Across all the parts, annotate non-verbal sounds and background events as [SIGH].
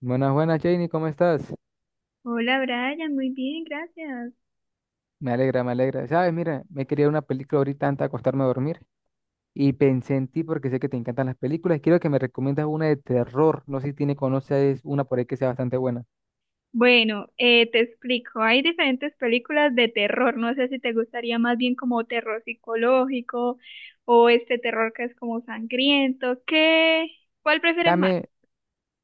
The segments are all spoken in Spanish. Buenas, buenas, Janie, ¿cómo estás? Hola Brian, muy bien, gracias. Me alegra, me alegra. Sabes, mira, me quería una película ahorita antes de acostarme a dormir y pensé en ti porque sé que te encantan las películas y quiero que me recomiendas una de terror. No sé si tiene, conoces una por ahí que sea bastante buena. Bueno, te explico, hay diferentes películas de terror, no sé si te gustaría más bien como terror psicológico o este terror que es como sangriento, ¿qué? ¿Cuál prefieres más? Dame,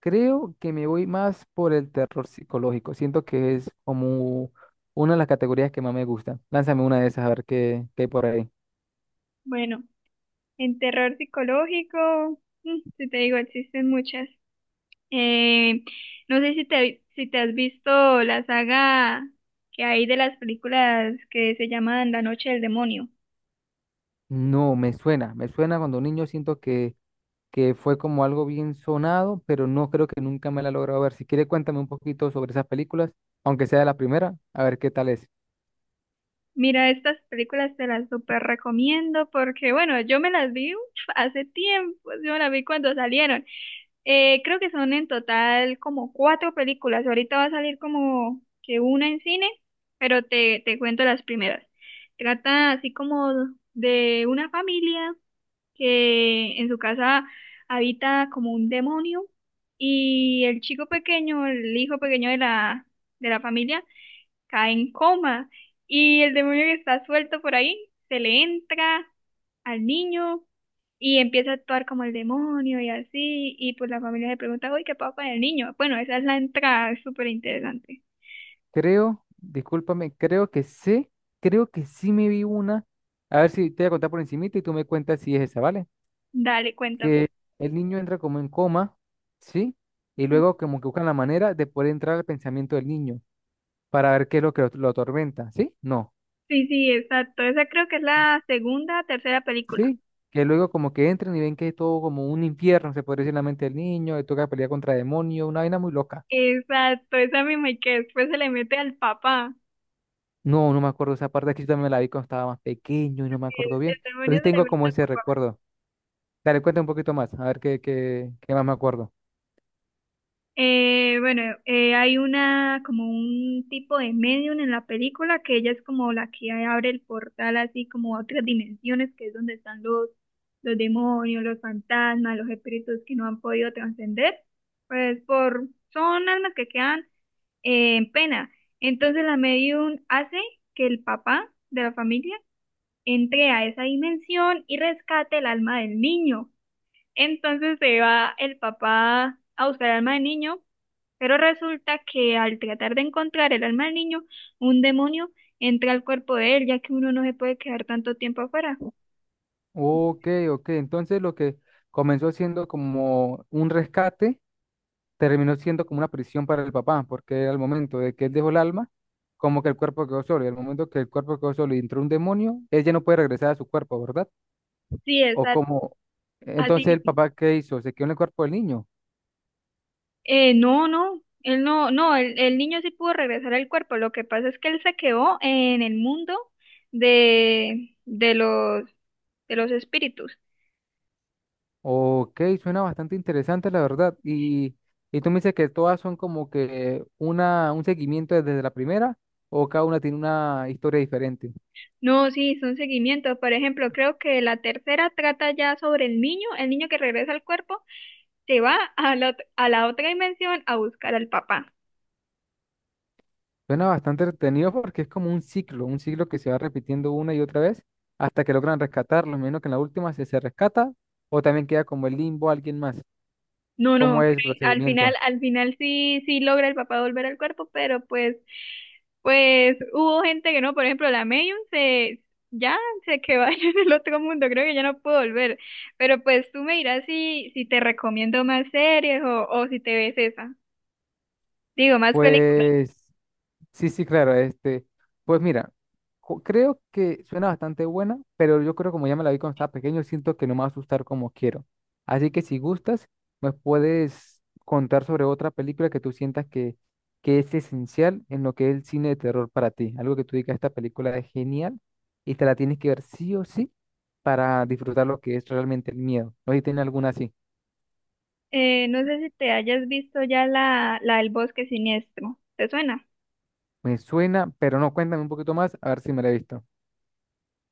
creo que me voy más por el terror psicológico. Siento que es como una de las categorías que más me gusta. Lánzame una de esas a ver qué hay por ahí. Bueno, en terror psicológico, mm, si te digo, existen muchas. Eh, no sé si te, si te has visto la saga que hay de las películas que se llaman La Noche del Demonio. No, me suena cuando niño siento que fue como algo bien sonado, pero no creo que nunca me la he logrado ver. Si quiere, cuéntame un poquito sobre esas películas, aunque sea la primera, a ver qué tal es. Mira, estas películas te las súper recomiendo porque, bueno, yo me las vi uf, hace tiempo, yo me las vi cuando salieron. Creo que son en total como cuatro películas. Ahorita va a salir como que una en cine, pero te cuento las primeras. Trata así como de una familia que en su casa habita como un demonio y el chico pequeño, el hijo pequeño de la familia, cae en coma y el demonio que está suelto por ahí se le entra al niño y empieza a actuar como el demonio y así y pues la familia se pregunta, uy, ¿qué pasa con el niño? Bueno, esa es la entrada, es súper interesante. Creo, discúlpame, creo que sé, creo que sí me vi una. A ver si te voy a contar por encimita y tú me cuentas si es esa, ¿vale? Dale, Que cuéntame. el niño entra como en coma, ¿sí? Y luego como que buscan la manera de poder entrar al pensamiento del niño para ver qué es lo que lo atormenta, ¿sí? No. Sí, sí, exacto. Esa creo que es la segunda, tercera película. Sí, que luego como que entran y ven que es todo como un infierno, se podría decir en la mente del niño, le toca pelear contra demonios, una vaina muy loca. Exacto, esa misma y que después se le mete al papá. No, no me acuerdo esa parte, aquí yo también me la vi cuando estaba más pequeño y no El, me acuerdo bien, el pero demonio sí se le tengo mete como al ese papá. recuerdo. Dale, cuenta un poquito más, a ver qué más me acuerdo. Bueno, hay una, como un tipo de medium en la película que ella es como la que abre el portal así como a otras dimensiones, que es donde están los demonios, los fantasmas, los espíritus que no han podido trascender. Pues por, son almas que quedan en pena. Entonces la medium hace que el papá de la familia entre a esa dimensión y rescate el alma del niño. Entonces se va el papá a buscar el alma del niño, pero resulta que al tratar de encontrar el alma del niño, un demonio entra al cuerpo de él, ya que uno no se puede quedar tanto tiempo afuera. Ok, ok, entonces lo que comenzó siendo como un rescate, terminó siendo como una prisión para el papá, porque al momento de que él dejó el alma, como que el cuerpo quedó solo, y al momento que el cuerpo quedó solo y entró un demonio, él ya no puede regresar a su cuerpo, ¿verdad? Sí, O como, entonces así el mismo. papá, ¿qué hizo? ¿Se quedó en el cuerpo del niño? No, no. Él no, no, el niño sí pudo regresar al cuerpo. Lo que pasa es que él se quedó en el mundo de, de los espíritus. Ok, suena bastante interesante, la verdad. Y tú me dices que todas son como que una, un seguimiento desde la primera, o cada una tiene una historia diferente. No, sí, son seguimientos. Por ejemplo, creo que la tercera trata ya sobre el niño que regresa al cuerpo, se va a la, a la otra dimensión a buscar al papá. Suena bastante entretenido porque es como un ciclo que se va repitiendo una y otra vez hasta que logran rescatarlo. Menos que en la última se rescata, o también queda como el limbo alguien más. No, ¿Cómo no, es el procedimiento? al final sí, sí logra el papá volver al cuerpo, pero pues, pues hubo gente que no, por ejemplo, ya se quedó allá [LAUGHS] en el otro mundo, creo que ya no puedo volver. Pero pues tú me dirás si, si te recomiendo más series o si te ves esa. Digo, más películas. Pues. Sí, sí, claro, este, pues mira, creo que suena bastante buena, pero yo creo como ya me la vi cuando estaba pequeño, siento que no me va a asustar como quiero. Así que si gustas, me puedes contar sobre otra película que tú sientas que es esencial en lo que es el cine de terror para ti. Algo que tú digas, esta película es genial y te la tienes que ver sí o sí para disfrutar lo que es realmente el miedo. No sé si tiene alguna así. No sé si te hayas visto ya la del bosque siniestro. ¿Te suena? Me suena, pero no, cuéntame un poquito más, a ver si me la he visto.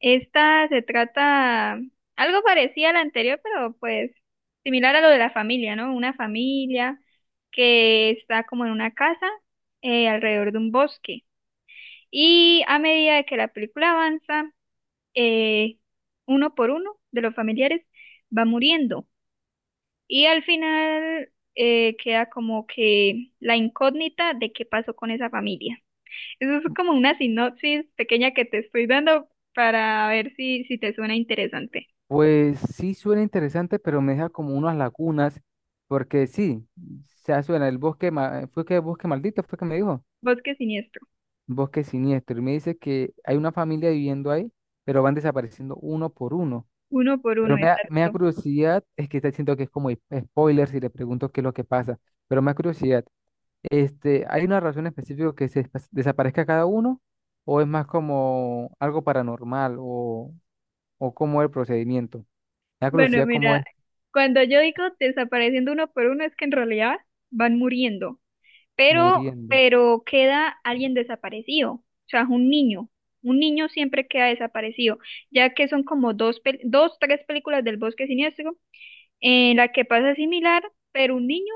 Esta se trata algo parecida a la anterior, pero pues similar a lo de la familia, ¿no? Una familia que está como en una casa alrededor de un bosque. Y a medida de que la película avanza, eh, uno por uno de los familiares va muriendo. Y al final queda como que la incógnita de qué pasó con esa familia. Eso es como una sinopsis pequeña que te estoy dando para ver si, si te suena interesante. Pues sí suena interesante, pero me deja como unas lagunas, porque sí, se suena el bosque, fue que bosque maldito, fue que me dijo, Bosque siniestro, bosque siniestro, y me dice que hay una familia viviendo ahí, pero van desapareciendo uno por uno. uno por uno, Pero me da exacto. curiosidad, es que está diciendo que es como spoiler si le pregunto qué es lo que pasa, pero me da curiosidad, este, ¿hay una razón específica que se desaparezca cada uno o es más como algo paranormal o cómo es el procedimiento? Me da Bueno, curiosidad cómo mira, es. cuando yo digo desapareciendo uno por uno, es que en realidad van muriendo, Muriendo. pero queda alguien desaparecido, o sea, un niño. Un niño siempre queda desaparecido, ya que son como dos, dos, tres películas del Bosque Siniestro en la que pasa similar, pero un niño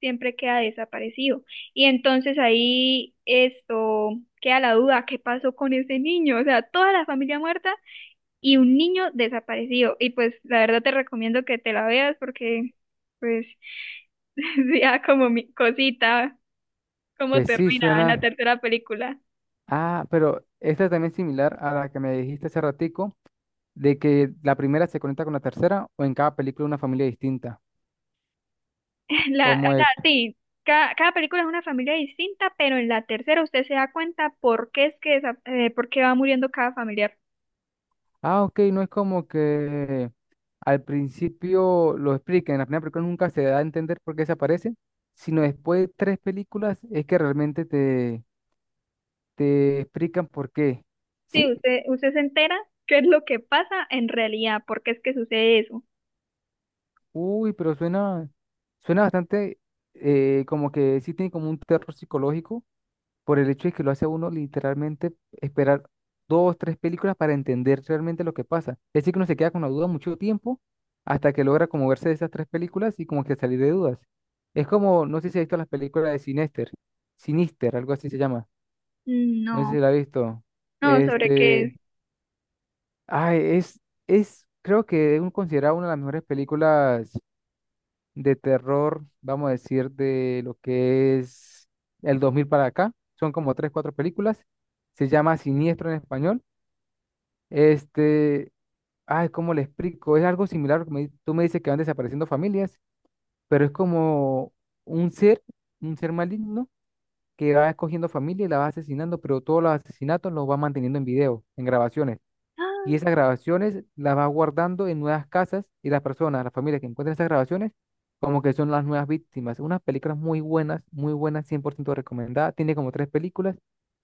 siempre queda desaparecido. Y entonces ahí esto queda la duda, ¿qué pasó con ese niño? O sea, toda la familia muerta y un niño desaparecido. Y pues la verdad te recomiendo que te la veas porque pues [LAUGHS] ya como mi cosita, cómo Pues sí, termina en la suena. tercera película. Ah, pero esta también es similar a la que me dijiste hace ratico, de que la primera se conecta con la tercera o en cada película una familia distinta. [LAUGHS] La, ¿Cómo o sea, es? sí. Cada, cada película es una familia distinta, pero en la tercera usted se da cuenta por qué es que, por qué va muriendo cada familiar. Ah, ok, no es como que al principio lo expliquen, en la primera película nunca se da a entender por qué se aparece, sino después de tres películas es que realmente te explican por qué. Sí, ¿Sí? usted, usted se entera qué es lo que pasa en realidad, por qué es que sucede eso. Uy, pero suena bastante como que sí tiene como un terror psicológico por el hecho de que lo hace a uno literalmente esperar dos, tres películas para entender realmente lo que pasa. Es decir, que uno se queda con la duda mucho tiempo hasta que logra como verse de esas tres películas y como que salir de dudas. Es como, no sé si has visto las películas de Sinister, Sinister, algo así se llama. Mm, No sé no, si la has visto. no, sobre qué Este, es. [GASPS] ay, creo que es considerado una de las mejores películas de terror, vamos a decir, de lo que es el 2000 para acá. Son como tres, cuatro películas. Se llama Siniestro en español. Este, ay, ¿cómo le explico? Es algo similar, porque tú me dices que van desapareciendo familias, pero es como un ser, un ser maligno que va escogiendo familia y la va asesinando, pero todos los asesinatos los va manteniendo en video, en grabaciones. ¡Ah! Y esas grabaciones las va guardando en nuevas casas y las personas, las familias que encuentran esas grabaciones, como que son las nuevas víctimas. Unas películas muy buenas, 100% recomendada. Tiene como tres películas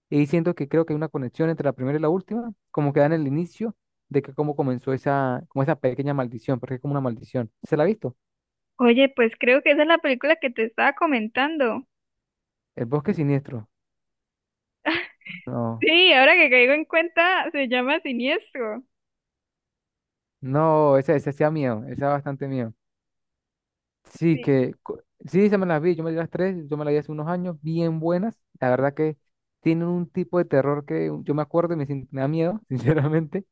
y siento que creo que hay una conexión entre la primera y la última, como que dan el inicio de que cómo comenzó esa, como esa pequeña maldición, porque es como una maldición. ¿Se la ha visto? Oye, pues creo que esa es la película que te estaba comentando. El bosque siniestro. No, Sí, ahora que caigo en cuenta, se llama Siniestro. no, esa sí da miedo, esa da bastante miedo. Sí, Sí, que sí, se me las vi, yo me di las tres, yo me las vi hace unos años, bien buenas. La verdad que tienen un tipo de terror que yo me acuerdo y me, sin- me da miedo, [LAUGHS] sinceramente.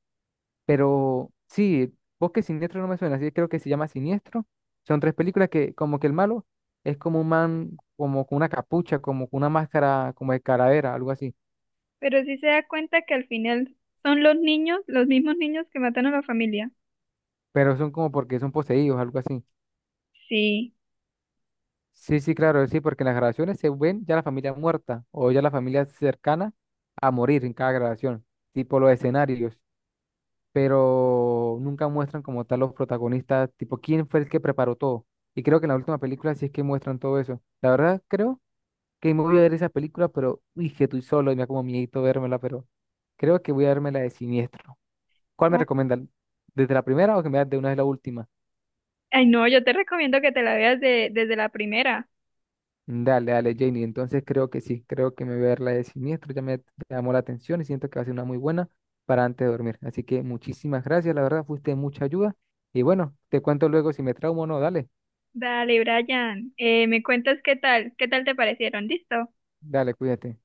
Pero sí, Bosque Siniestro no me suena, así que creo que se llama Siniestro. Son tres películas que como que el malo es como un man, como con una capucha, como con una máscara, como de calavera, algo así. pero sí se da cuenta que al final son los niños, los mismos niños que matan a la familia. Pero son como porque son poseídos, algo así. Sí. Sí, sí, claro, sí, porque en las grabaciones se ven ya la familia muerta o ya la familia cercana a morir en cada grabación, tipo los escenarios, pero nunca muestran como tal los protagonistas, tipo quién fue el que preparó todo. Y creo que en la última película sí es que muestran todo eso. La verdad, creo que me voy a ver esa película, pero uy, que estoy solo y me da como miedito vérmela, pero creo que voy a verme la de Siniestro. ¿Cuál me Ah, recomiendan? ¿Desde la primera o que me veas de una vez la última? ay, no, yo te recomiendo que te la veas desde la primera. Dale, dale, Janie. Entonces creo que sí, creo que me voy a ver la de Siniestro. Ya me llamó la atención y siento que va a ser una muy buena para antes de dormir. Así que muchísimas gracias, la verdad, fuiste de mucha ayuda. Y bueno, te cuento luego si me traumo o no. Dale, Dale, Brian, me cuentas qué tal te parecieron, ¿listo? dale, cuídate.